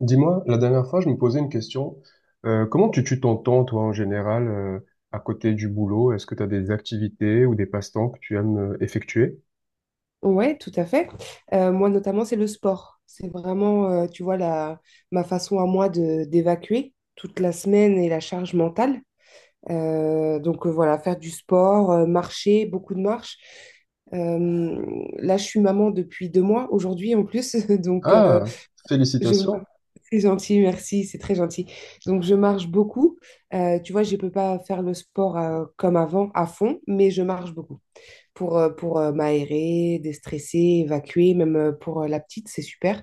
Dis-moi, la dernière fois, je me posais une question. Comment tu tues ton temps, toi, en général, à côté du boulot? Est-ce que tu as des activités ou des passe-temps que tu aimes effectuer? Ouais, tout à fait. Moi, notamment, c'est le sport. C'est vraiment, tu vois, ma façon à moi de d'évacuer toute la semaine et la charge mentale. Donc, voilà, faire du sport, marcher, beaucoup de marches. Euh, là, je suis maman depuis 2 mois, aujourd'hui en plus. Donc, Ah, je... félicitations. c'est gentil, merci, c'est très gentil. Donc, je marche beaucoup. Tu vois, je peux pas faire le sport comme avant, à fond, mais je marche beaucoup pour m'aérer, déstresser, évacuer, même pour la petite, c'est super.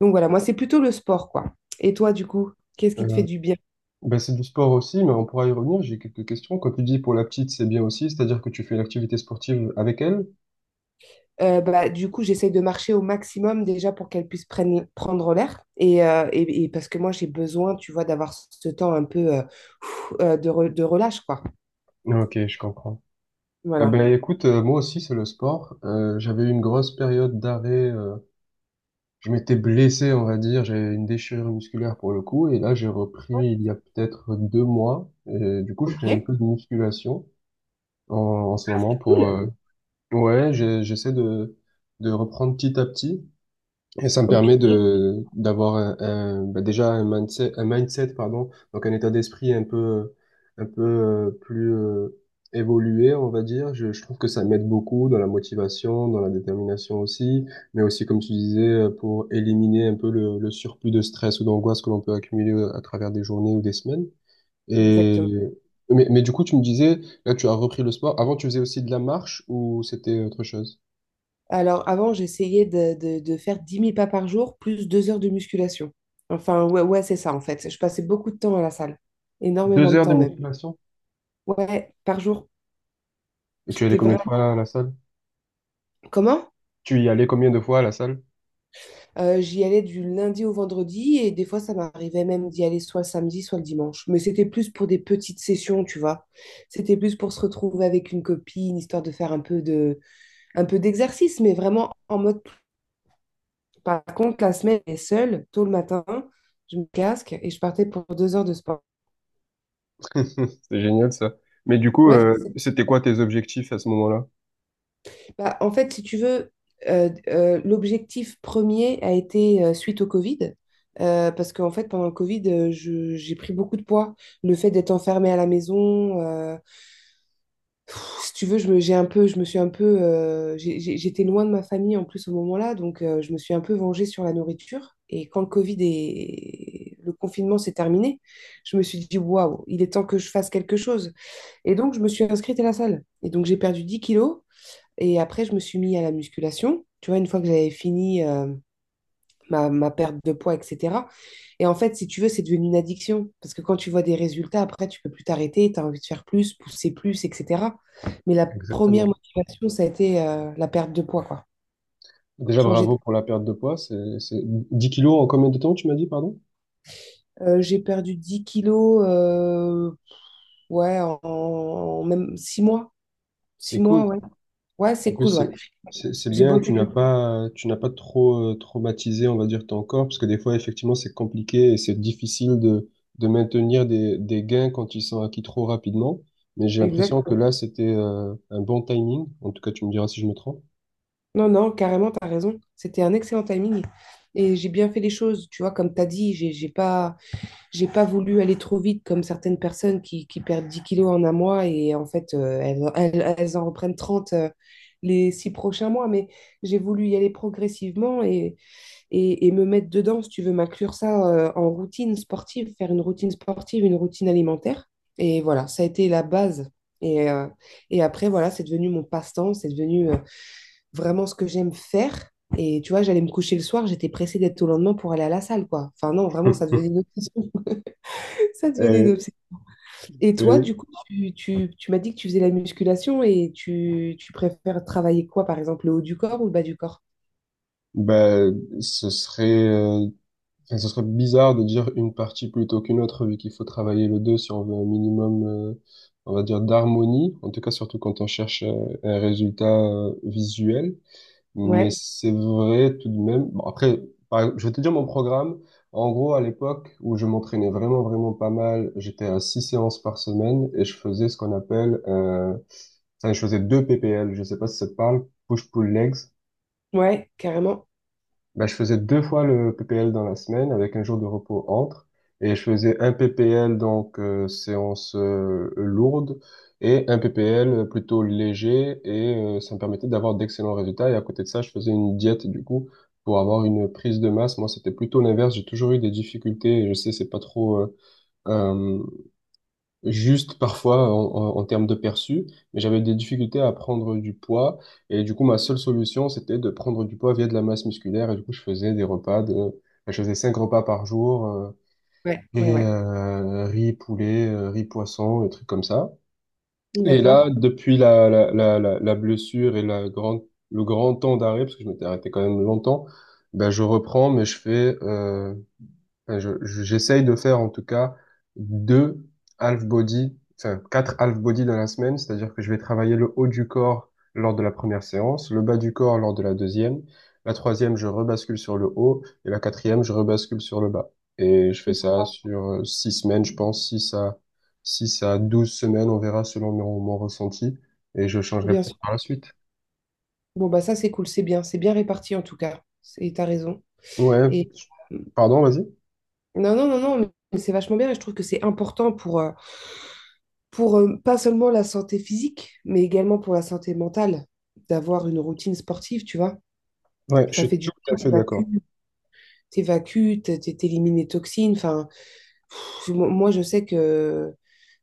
Donc voilà, moi, c'est plutôt le sport, quoi. Et toi, du coup, qu'est-ce qui te fait Euh, du bien? ben c'est du sport aussi, mais on pourra y revenir. J'ai quelques questions. Quand tu dis pour la petite, c'est bien aussi, c'est-à-dire que tu fais une activité sportive avec elle? Bah, du coup, j'essaye de marcher au maximum déjà pour qu'elle puisse prendre l'air. Et, et parce que moi, j'ai besoin, tu vois, d'avoir ce temps un peu de relâche, quoi. Ok, je comprends. Eh Voilà. ben écoute, moi aussi, c'est le sport. J'avais eu une grosse période d'arrêt. Je m'étais blessé, on va dire, j'ai une déchirure musculaire pour le coup, et là j'ai repris il y a peut-être 2 mois, et du coup je Ok, fais un c'est peu de musculation en ce moment cool. pour, ouais, j'essaie de reprendre petit à petit, et ça me Ok, permet de d'avoir bah, déjà un mindset pardon, donc un état d'esprit un peu, plus évolué, on va dire. Je trouve que ça m'aide beaucoup dans la motivation, dans la détermination aussi, mais aussi comme tu disais pour éliminer un peu le surplus de stress ou d'angoisse que l'on peut accumuler à travers des journées ou des semaines. exactement. Et mais du coup, tu me disais, là, tu as repris le sport. Avant, tu faisais aussi de la marche ou c'était autre chose? Alors, avant, j'essayais de faire 10 000 pas par jour, plus 2 heures de musculation. Enfin, ouais, ouais, c'est ça, en fait. Je passais beaucoup de temps à la salle. Énormément Deux de heures de temps, même. musculation? Ouais, par jour. Et tu allais C'était combien vraiment... de fois à la salle? Comment? Tu y allais combien de fois à la salle? J'y allais du lundi au vendredi, et des fois, ça m'arrivait même d'y aller soit le samedi, soit le dimanche. Mais c'était plus pour des petites sessions, tu vois. C'était plus pour se retrouver avec une copine, histoire de faire un peu d'exercice, mais vraiment en mode. Par contre, la semaine, elle est seule, tôt le matin, je me casque et je partais pour 2 heures de sport. C'est génial ça. Mais du coup, Ouais, c'était quoi tes objectifs à ce moment-là? bah, en fait, si tu veux, l'objectif premier a été suite au Covid. Parce qu'en fait, pendant le Covid, j'ai pris beaucoup de poids. Le fait d'être enfermée à la maison, si tu veux, je me suis un peu, j'étais loin de ma famille en plus au moment-là, donc je me suis un peu vengée sur la nourriture. Et quand le Covid et le confinement s'est terminé, je me suis dit, waouh, il est temps que je fasse quelque chose. Et donc, je me suis inscrite à la salle. Et donc, j'ai perdu 10 kilos. Et après, je me suis mis à la musculation. Tu vois, une fois que j'avais fini ma perte de poids, etc. Et en fait, si tu veux, c'est devenu une addiction. Parce que quand tu vois des résultats, après, tu peux plus t'arrêter, tu as envie de faire plus, pousser plus, etc. Mais la première Exactement. motivation, ça a été la perte de poids, quoi. Déjà, Changer bravo de- pour la perte de poids. C'est 10 kilos en combien de temps, tu m'as dit, pardon? j'ai perdu 10 kilos, ouais, en même 6 mois. Six C'est mois, cool. ouais. Ouais, En c'est plus, cool, ouais. c'est J'ai bien que bossé tu n'as dur. pas, tu n'as pas trop traumatisé, on va dire, ton corps, parce que des fois, effectivement, c'est compliqué et c'est difficile de maintenir des gains quand ils sont acquis trop rapidement. Mais j'ai Exact. l'impression que là, c'était un bon timing. En tout cas, tu me diras si je me trompe. Non, non, carrément, tu as raison. C'était un excellent timing. Et j'ai bien fait les choses, tu vois, comme tu as dit, J'ai pas voulu aller trop vite comme certaines personnes qui perdent 10 kilos en un mois et en fait, elles en reprennent 30 les 6 prochains mois. Mais j'ai voulu y aller progressivement et me mettre dedans, si tu veux, m'inclure ça en routine sportive, faire une routine sportive, une routine alimentaire. Et voilà, ça a été la base. Et, euh, et après, voilà, c'est devenu mon passe-temps, c'est devenu vraiment ce que j'aime faire. Et tu vois, j'allais me coucher le soir, j'étais pressée d'être au lendemain pour aller à la salle, quoi. Enfin, non, vraiment, ça devenait une obsession. Ça devenait une Et, obsession. Et toi, du et coup, tu m'as dit que tu faisais la musculation et tu préfères travailler quoi, par exemple, le haut du corps ou le bas du corps? Ben, ce serait, enfin, ce serait bizarre de dire une partie plutôt qu'une autre, vu qu'il faut travailler le deux si on veut un minimum, on va dire, d'harmonie, en tout cas surtout quand on cherche un résultat visuel. Mais Ouais, c'est vrai tout de même. Bon, après, je vais te dire mon programme. En gros, à l'époque où je m'entraînais vraiment, vraiment pas mal, j'étais à six séances par semaine et je faisais ce qu'on appelle, enfin, je faisais deux PPL. Je sais pas si ça te parle, push-pull legs. ouais, carrément. Ben, je faisais deux fois le PPL dans la semaine avec un jour de repos entre. Et je faisais un PPL, donc séance lourde, et un PPL plutôt léger. Et ça me permettait d'avoir d'excellents résultats. Et à côté de ça, je faisais une diète, du coup, pour avoir une prise de masse. Moi, c'était plutôt l'inverse. J'ai toujours eu des difficultés. Et je sais, c'est pas trop euh, juste parfois en, en termes de perçu, mais j'avais des difficultés à prendre du poids. Et du coup, ma seule solution, c'était de prendre du poids via de la masse musculaire. Et du coup, je faisais je faisais cinq repas par jour. Ouais, ouais, Et ouais. Riz poulet, riz poisson, des trucs comme ça. Et là, D'accord. depuis la blessure et le grand temps d'arrêt, parce que je m'étais arrêté quand même longtemps, ben je reprends, mais je fais enfin, j'essaye de faire en tout cas deux half body, enfin quatre half body dans la semaine, c'est-à-dire que je vais travailler le haut du corps lors de la première séance, le bas du corps lors de la deuxième, la troisième je rebascule sur le haut et la quatrième je rebascule sur le bas. Et je fais ça sur 6 semaines, je pense, 6 à 12 semaines, on verra selon mon ressenti et je changerai Bien sûr. peut-être par la suite. Bon, bah ça, c'est cool, c'est bien. C'est bien réparti en tout cas. Et t'as raison. Ouais, Et euh, pardon, vas-y. non, non, non, non, mais c'est vachement bien et je trouve que c'est important pour pas seulement la santé physique, mais également pour la santé mentale, d'avoir une routine sportive, tu vois. Ouais, je Ça suis fait du tout à bien, ça fait va d'accord. t'évacues, t'élimines les toxines. Enfin, moi, je sais que,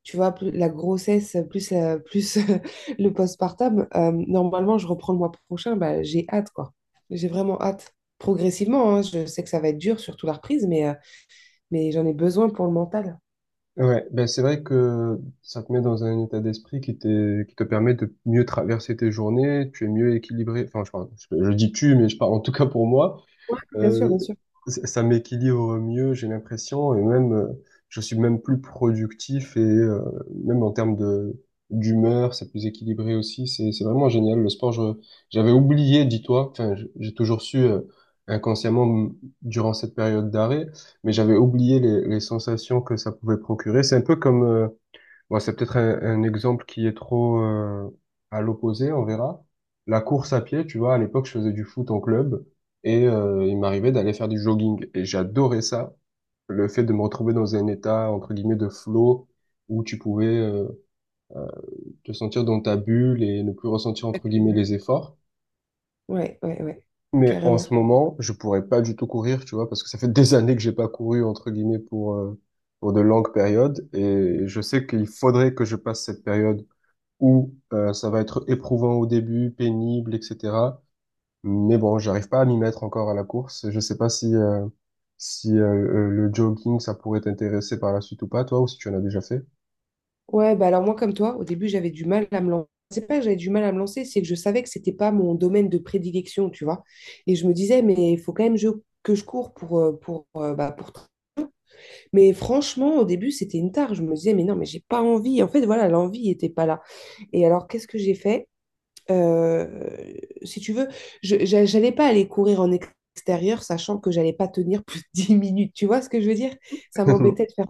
tu vois, plus la grossesse, plus le postpartum, normalement, je reprends le mois prochain. Bah, j'ai hâte, quoi. J'ai vraiment hâte. Progressivement, hein, je sais que ça va être dur, surtout la reprise, mais j'en ai besoin pour le mental. Ouais, ben c'est vrai que ça te met dans un état d'esprit qui te permet de mieux traverser tes journées, tu es mieux équilibré, enfin je dis tu, mais je parle en tout cas pour moi, Ouais, bien sûr, bien euh, sûr. Ça m'équilibre mieux, j'ai l'impression, et même, je suis même plus productif et même en termes de d'humeur, c'est plus équilibré aussi. C'est vraiment génial le sport. Je j'avais oublié, dis-toi. Enfin, j'ai toujours su inconsciemment durant cette période d'arrêt, mais j'avais oublié les sensations que ça pouvait procurer. C'est un peu comme bon, c'est peut-être un exemple qui est trop à l'opposé, on verra. La course à pied, tu vois, à l'époque, je faisais du foot en club et il m'arrivait d'aller faire du jogging et j'adorais ça. Le fait de me retrouver dans un état, entre guillemets, de flow où tu pouvais te sentir dans ta bulle et ne plus ressentir, entre guillemets, les efforts. Ouais, ouais, ouais. Mais en Carrément. ce moment, je pourrais pas du tout courir, tu vois, parce que ça fait des années que j'ai pas couru, entre guillemets, pour de longues périodes et je sais qu'il faudrait que je passe cette période où ça va être éprouvant au début, pénible, etc. Mais bon, j'arrive pas à m'y mettre encore à la course. Je sais pas si le jogging ça pourrait t'intéresser par la suite ou pas, toi, ou si tu en as déjà fait. Ouais, bah alors moi, comme toi, au début, j'avais du mal à me lancer. C'est pas que j'avais du mal à me lancer, c'est que je savais que c'était pas mon domaine de prédilection, tu vois. Et je me disais, mais il faut quand même que je cours bah, pour... Mais franchement, au début, c'était une tare. Je me disais, mais non, mais j'ai pas envie. En fait, voilà, l'envie n'était pas là. Et alors, qu'est-ce que j'ai fait? Euh, si tu veux, j'allais pas aller courir en extérieur, sachant que j'allais pas tenir plus de 10 minutes. Tu vois ce que je veux dire? Ça m'embêtait de faire.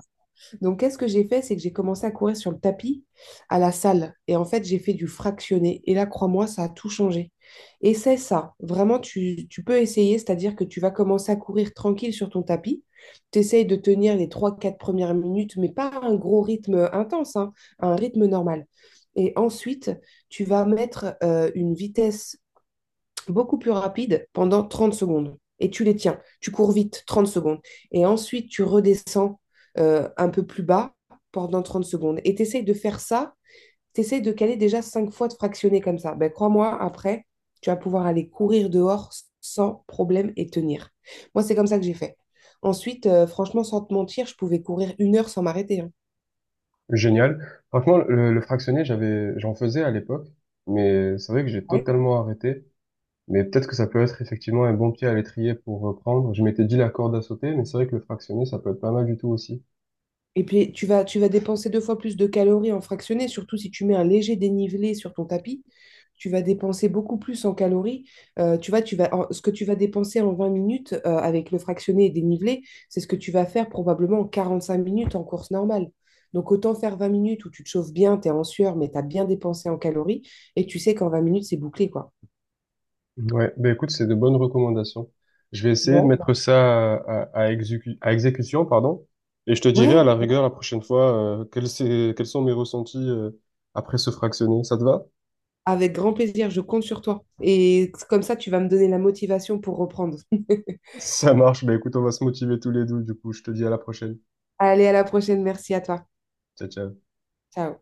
Donc, qu'est-ce que j'ai fait? C'est que j'ai commencé à courir sur le tapis à la salle. Et en fait, j'ai fait du fractionné. Et là, crois-moi, ça a tout changé. Et c'est ça. Vraiment, tu peux essayer, c'est-à-dire que tu vas commencer à courir tranquille sur ton tapis. Tu essayes de tenir les 3, 4 premières minutes, mais pas un gros rythme intense, hein, un rythme normal. Et ensuite, tu vas mettre une vitesse beaucoup plus rapide pendant 30 secondes. Et tu les tiens. Tu cours vite, 30 secondes. Et ensuite, tu redescends un peu plus bas pendant 30 secondes. Et tu essayes de faire ça. Tu essayes de caler déjà 5 fois de fractionner comme ça. Ben, crois-moi, après, tu vas pouvoir aller courir dehors sans problème et tenir. Moi, c'est comme ça que j'ai fait. Ensuite, franchement, sans te mentir, je pouvais courir 1 heure sans m'arrêter. Hein. Génial. Franchement, le fractionné, j'en faisais à l'époque, mais c'est vrai que j'ai Oui, totalement arrêté. Mais peut-être que ça peut être effectivement un bon pied à l'étrier pour reprendre. Je m'étais dit la corde à sauter, mais c'est vrai que le fractionné, ça peut être pas mal du tout aussi. et puis, tu vas dépenser deux fois plus de calories en fractionné, surtout si tu mets un léger dénivelé sur ton tapis. Tu vas dépenser beaucoup plus en calories. Tu vois, ce que tu vas dépenser en 20 minutes avec le fractionné et dénivelé, c'est ce que tu vas faire probablement en 5 minutes en course normale. Donc, autant faire 20 minutes où tu te chauffes bien, tu es en sueur, mais tu as bien dépensé en calories et tu sais qu'en 20 minutes, c'est bouclé, quoi. Ouais, ben écoute, c'est de bonnes recommandations. Je vais essayer de Bon, mettre bah, ça à exécution, pardon, et je te dirai à ouais, la rigueur la prochaine fois quels sont mes ressentis après ce fractionné. Ça te va? avec grand plaisir, je compte sur toi. Et comme ça, tu vas me donner la motivation pour reprendre. Ça marche, ben écoute, on va se motiver tous les deux, du coup, je te dis à la prochaine. Allez, à la prochaine. Merci à toi. Ciao, ciao. Ciao.